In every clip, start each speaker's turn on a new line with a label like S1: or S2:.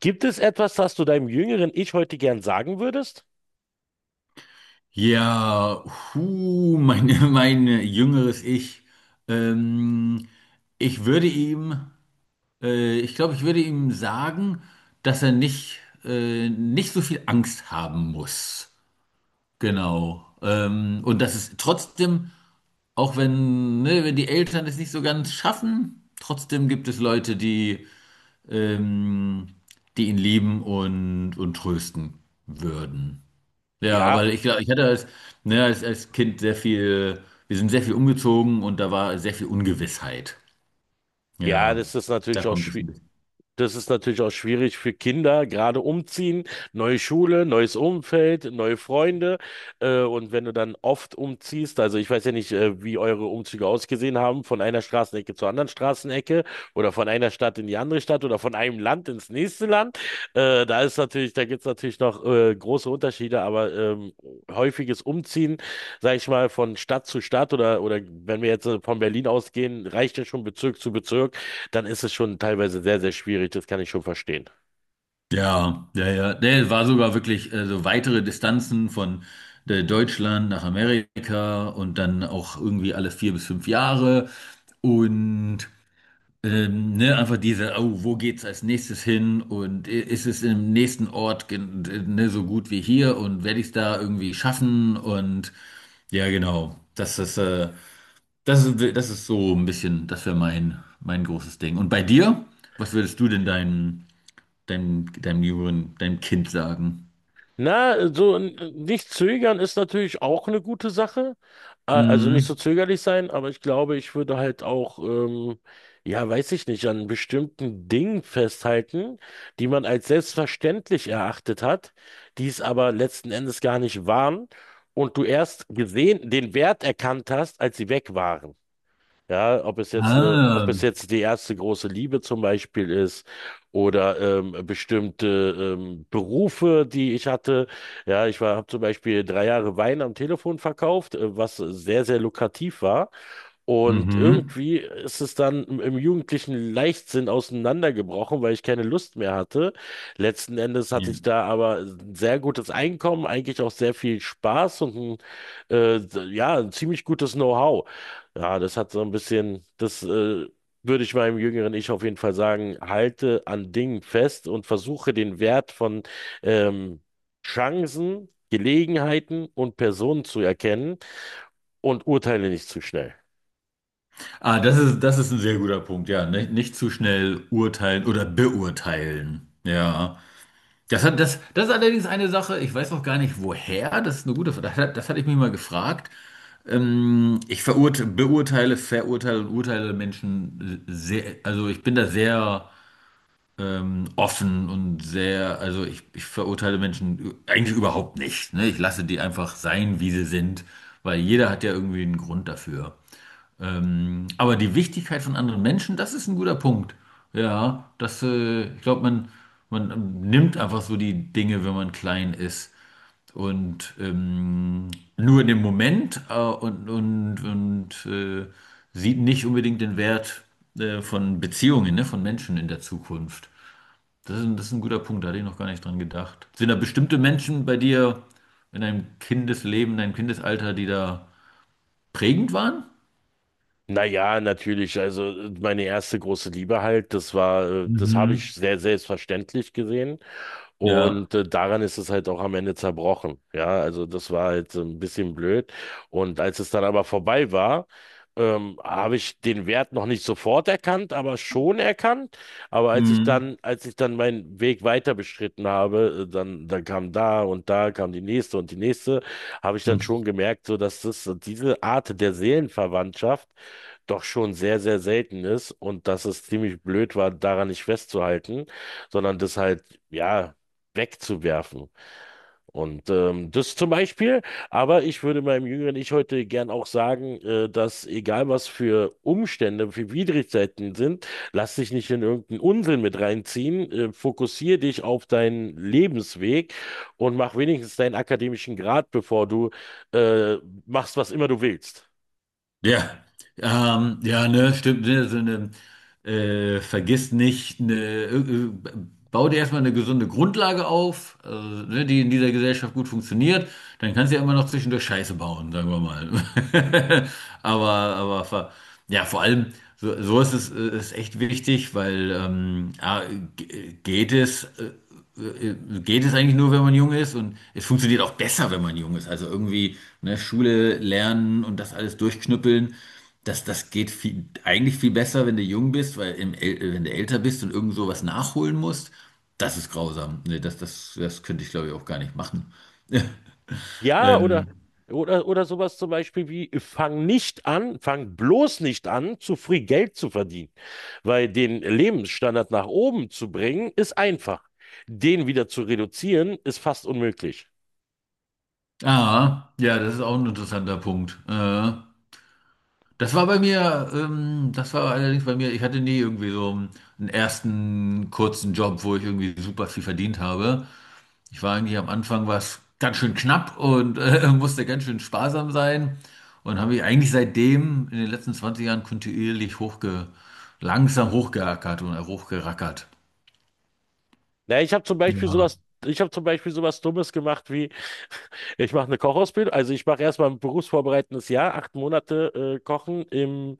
S1: Gibt es etwas, das du deinem jüngeren Ich heute gern sagen würdest?
S2: Ja, hu, mein, mein jüngeres Ich. Ähm, Ich würde ihm, ich glaube, ich würde ihm sagen, dass er nicht, nicht so viel Angst haben muss. Genau. Und dass es trotzdem, auch wenn, ne, wenn die Eltern es nicht so ganz schaffen, trotzdem gibt es Leute, die, ähm, die ihn lieben und trösten würden. Ja,
S1: Ja,
S2: weil ich glaube, ich hatte ne, als Kind sehr viel, wir sind sehr viel umgezogen und da war sehr viel Ungewissheit.
S1: ja,
S2: Ja,
S1: das ist
S2: da
S1: natürlich auch
S2: kommt es ein bisschen.
S1: das ist natürlich auch schwierig für Kinder, gerade umziehen, neue Schule, neues Umfeld, neue Freunde. Und wenn du dann oft umziehst, also ich weiß ja nicht, wie eure Umzüge ausgesehen haben, von einer Straßenecke zur anderen Straßenecke oder von einer Stadt in die andere Stadt oder von einem Land ins nächste Land. Da ist natürlich, da gibt's natürlich noch große Unterschiede, aber häufiges Umziehen, sag ich mal, von Stadt zu Stadt oder wenn wir jetzt von Berlin ausgehen, reicht ja schon Bezirk zu Bezirk, dann ist es schon teilweise sehr, sehr schwierig. Das kann ich schon verstehen.
S2: Ja, ja, ja. Der war sogar wirklich so weitere Distanzen von Deutschland nach Amerika und dann auch irgendwie alle vier bis fünf Jahre. Und ne, einfach diese, oh, wo geht's als nächstes hin und ist es im nächsten Ort ne, so gut wie hier und werde ich es da irgendwie schaffen und ja, genau. Das ist so ein bisschen, das wäre mein großes Ding. Und bei dir, was würdest du denn deinem, deinem jüngeren, deinem Kind sagen?
S1: Na, so nicht zögern ist natürlich auch eine gute Sache. Also nicht so
S2: Mhm.
S1: zögerlich sein, aber ich glaube, ich würde halt auch, ja, weiß ich nicht, an bestimmten Dingen festhalten, die man als selbstverständlich erachtet hat, die es aber letzten Endes gar nicht waren und du erst gesehen, den Wert erkannt hast, als sie weg waren. Ja, ob es jetzt eine, ob
S2: Ah,
S1: es jetzt die erste große Liebe zum Beispiel ist oder bestimmte Berufe, die ich hatte. Ja, ich war, habe zum Beispiel drei Jahre Wein am Telefon verkauft, was sehr, sehr lukrativ war. Und
S2: mhm.
S1: irgendwie ist es dann im jugendlichen Leichtsinn auseinandergebrochen, weil ich keine Lust mehr hatte. Letzten Endes
S2: Ja.
S1: hatte ich da aber ein sehr gutes Einkommen, eigentlich auch sehr viel Spaß und ein, ja, ein ziemlich gutes Know-how. Ja, das hat so ein bisschen, das, würde ich meinem jüngeren Ich auf jeden Fall sagen, halte an Dingen fest und versuche den Wert von, ähm, Chancen, Gelegenheiten und Personen zu erkennen und urteile nicht zu schnell.
S2: Ah, das ist ein sehr guter Punkt, ja. Nicht zu schnell urteilen oder beurteilen. Ja. Das ist allerdings eine Sache, ich weiß auch gar nicht woher, das ist eine gute Frage, das hatte ich mich mal gefragt. Ich verurte, beurteile, verurteile und urteile Menschen sehr, also ich bin da sehr offen und sehr, ich verurteile Menschen eigentlich überhaupt nicht, ne? Ich lasse die einfach sein, wie sie sind, weil jeder hat ja irgendwie einen Grund dafür. Aber die Wichtigkeit von anderen Menschen, das ist ein guter Punkt. Ja, ich glaube, man nimmt einfach so die Dinge, wenn man klein ist. Und nur in dem Moment sieht nicht unbedingt den Wert von Beziehungen, ne, von Menschen in der Zukunft. Das ist ein guter Punkt, da hatte ich noch gar nicht dran gedacht. Sind da bestimmte Menschen bei dir in deinem Kindesleben, in deinem Kindesalter, die da prägend waren?
S1: Naja, natürlich. Also meine erste große Liebe halt, das war, das habe
S2: Mhm.
S1: ich sehr selbstverständlich gesehen.
S2: Ja.
S1: Und daran ist es halt auch am Ende zerbrochen. Ja, also das war halt so ein bisschen blöd. Und als es dann aber vorbei war, habe ich den Wert noch nicht sofort erkannt, aber schon erkannt. Aber als ich
S2: Mhm.
S1: dann, als ich dann meinen Weg weiter beschritten habe, dann, dann kam da und da kam die nächste und die nächste, habe ich dann
S2: Hm.
S1: schon gemerkt, so dass das, diese Art der Seelenverwandtschaft doch schon sehr, sehr selten ist und dass es ziemlich blöd war, daran nicht festzuhalten, sondern das halt, ja, wegzuwerfen. Und das zum Beispiel, aber ich würde meinem jüngeren Ich heute gern auch sagen, dass egal was für Umstände, für Widrigkeiten sind, lass dich nicht in irgendeinen Unsinn mit reinziehen, fokussiere dich auf deinen Lebensweg und mach wenigstens deinen akademischen Grad, bevor du äh, machst, was immer du willst.
S2: Ja, ja, ne, stimmt, ne, so eine, vergiss nicht, ne, äh, bau dir erstmal eine gesunde Grundlage auf, also, ne, die in dieser Gesellschaft gut funktioniert, dann kannst du ja immer noch zwischendurch Scheiße bauen, sagen wir mal. Aber, aber, ver- ja, vor allem, so ist es, ist echt wichtig, weil, A, geht es, äh, geht es eigentlich nur, wenn man jung ist und es funktioniert auch besser, wenn man jung ist. Also irgendwie, ne, Schule lernen und das alles durchknüppeln, das geht viel, eigentlich viel besser, wenn du jung bist, wenn du älter bist und irgend sowas nachholen musst, das ist grausam. Ne, das könnte ich, glaube ich, auch gar nicht machen.
S1: Ja,
S2: Ähm,
S1: oder sowas zum Beispiel wie, fang nicht an, fang bloß nicht an, zu früh Geld zu verdienen. Weil den Lebensstandard nach oben zu bringen, ist einfach. Den wieder zu reduzieren, ist fast unmöglich.
S2: ah, ja, das ist auch ein interessanter Punkt. Das war bei mir, das war allerdings bei mir, ich hatte nie irgendwie so einen ersten kurzen Job, wo ich irgendwie super viel verdient habe. Ich war eigentlich am Anfang was ganz schön knapp und musste ganz schön sparsam sein und habe mich eigentlich seitdem in den letzten 20 Jahren kontinuierlich langsam hochgeackert und hochgerackert.
S1: Na, ich habe zum Beispiel
S2: Ja.
S1: sowas, ich habe zum Beispiel sowas Dummes gemacht wie, ich mache eine Kochausbildung, also ich mache erstmal ein berufsvorbereitendes Jahr, acht Monate Kochen im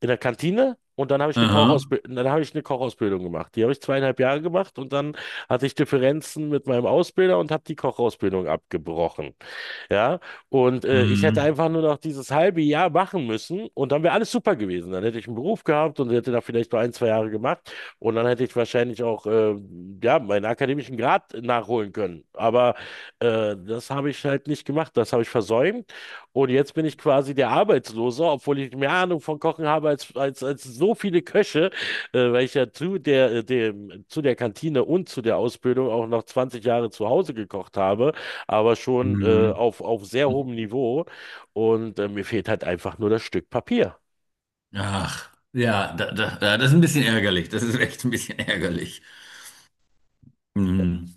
S1: in der Kantine und dann habe ich eine
S2: Aha.
S1: Kochausbildung, dann habe ich eine Kochausbildung gemacht. Die habe ich zweieinhalb Jahre gemacht und dann hatte ich Differenzen mit meinem Ausbilder und habe die Kochausbildung abgebrochen. Ja, und ich hätte
S2: Mhm.
S1: einfach nur noch dieses halbe Jahr machen müssen und dann wäre alles super gewesen. Dann hätte ich einen Beruf gehabt und hätte da vielleicht nur ein, zwei Jahre gemacht und dann hätte ich wahrscheinlich auch ja, meinen akademischen Grad nachholen können. Aber das habe ich halt nicht gemacht, das habe ich versäumt und jetzt bin ich quasi der Arbeitslose, obwohl ich mehr Ahnung von Kochen habe als so viele Köche, weil ich ja zu der, zu der Kantine und zu der Ausbildung auch noch 20 Jahre zu Hause gekocht habe, aber schon
S2: Mhm.
S1: auf sehr hohem Niveau. Und mir fehlt halt einfach nur das Stück Papier.
S2: Ach, ja, ja, das ist ein bisschen ärgerlich. Das ist echt ein bisschen ärgerlich. Mhm.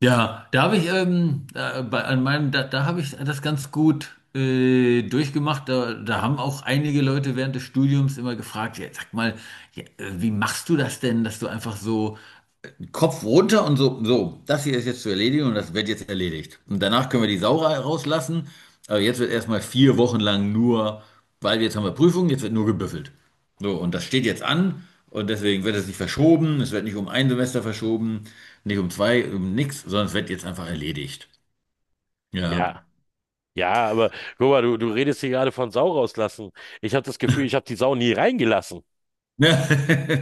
S2: Ja, da habe ich da, bei, an meinem, da, da habe ich das ganz gut durchgemacht. Da haben auch einige Leute während des Studiums immer gefragt, ja, sag mal, ja, wie machst du das denn, dass du einfach so Kopf runter und so, das hier ist jetzt zu erledigen und das wird jetzt erledigt. Und danach können wir die Sau rauslassen. Aber jetzt wird erstmal vier Wochen lang nur, weil jetzt haben wir Prüfungen, jetzt wird nur gebüffelt. So, und das steht jetzt an und deswegen wird es nicht verschoben. Es wird nicht um ein Semester verschoben, nicht um zwei, um nichts, sondern es wird jetzt einfach erledigt. Ja.
S1: Ja. Ja, aber guck mal, du redest hier gerade von Sau rauslassen. Ich habe das Gefühl, ich habe die Sau nie reingelassen.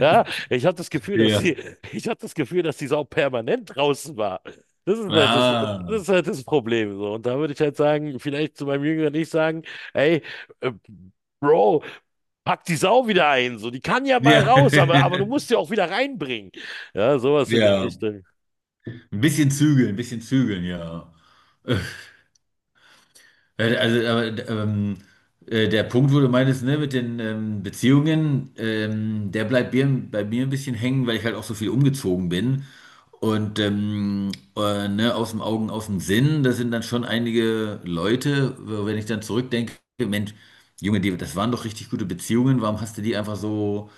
S1: Ja, ich habe das Gefühl, dass
S2: Ja.
S1: sie, ich habe das Gefühl, dass die Sau permanent draußen war. Das ist halt das,
S2: Ah.
S1: das ist halt das Problem so. Und da würde ich halt sagen, vielleicht zu meinem Jüngeren nicht sagen, ey, äh, Bro, pack die Sau wieder ein. So, die kann ja
S2: Ja.
S1: mal raus, aber du musst sie auch wieder reinbringen. Ja, sowas in der
S2: Ja.
S1: Richtung.
S2: Ein bisschen zügeln, ja. Also, der Punkt, wo du meintest, ne, mit den Beziehungen, der bleibt bei mir ein bisschen hängen, weil ich halt auch so viel umgezogen bin. Und ne, aus dem Augen, aus dem Sinn, das sind dann schon einige Leute, wenn ich dann zurückdenke, Mensch, Junge, die, das waren doch richtig gute Beziehungen, warum hast du die einfach so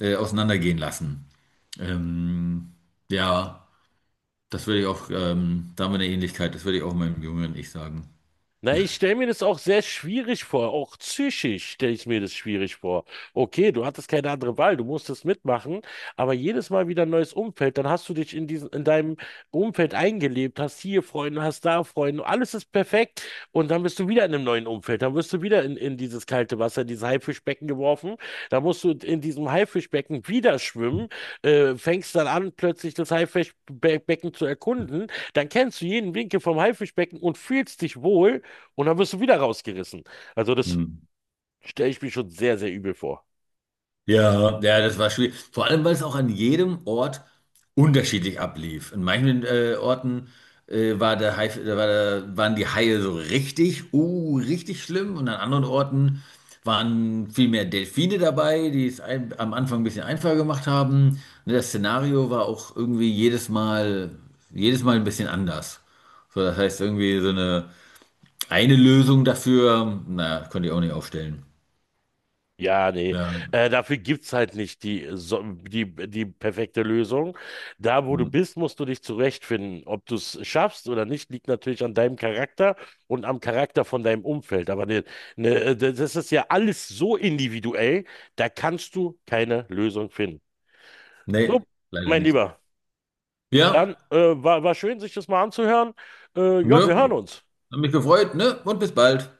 S2: auseinandergehen lassen? Ähm, ja, das würde ich auch, da haben wir eine Ähnlichkeit, das würde ich auch meinem jüngeren Ich sagen.
S1: Na, ich stelle mir das auch sehr schwierig vor. Auch psychisch stelle ich mir das schwierig vor. Okay, du hattest keine andere Wahl, du musstest mitmachen, aber jedes Mal wieder ein neues Umfeld, dann hast du dich in diesem, in deinem Umfeld eingelebt, hast hier Freunde, hast da Freunde, alles ist perfekt und dann bist du wieder in einem neuen Umfeld, dann wirst du wieder in dieses kalte Wasser, in dieses Haifischbecken geworfen, da musst du in diesem Haifischbecken wieder schwimmen, fängst dann an, plötzlich das Haifischbecken zu erkunden, dann kennst du jeden Winkel vom Haifischbecken und fühlst dich wohl. Und dann wirst du wieder rausgerissen. Also das
S2: Hm.
S1: stelle ich mir schon sehr, sehr übel vor.
S2: Ja, ja, das war schwierig. Vor allem, weil es auch an jedem Ort unterschiedlich ablief. In manchen Orten war der Hai, waren die Haie so richtig, richtig schlimm. Und an anderen Orten waren viel mehr Delfine dabei, am Anfang ein bisschen einfacher gemacht haben. Und das Szenario war auch irgendwie jedes Mal ein bisschen anders. So, das heißt, irgendwie so eine Lösung dafür, na, konnte ich auch nicht aufstellen.
S1: Ja, nee.
S2: Ja.
S1: Dafür gibt's halt nicht die, die, die perfekte Lösung. Da, wo du
S2: Hm.
S1: bist, musst du dich zurechtfinden. Ob du es schaffst oder nicht, liegt natürlich an deinem Charakter und am Charakter von deinem Umfeld. Aber ne, ne, das ist ja alles so individuell, da kannst du keine Lösung finden. So,
S2: Nee, leider
S1: mein
S2: nicht.
S1: Lieber, dann
S2: Ja,
S1: war, war schön, sich das mal anzuhören. Ja,
S2: ne?
S1: wir hören uns.
S2: Hab mich gefreut, ne? Und bis bald.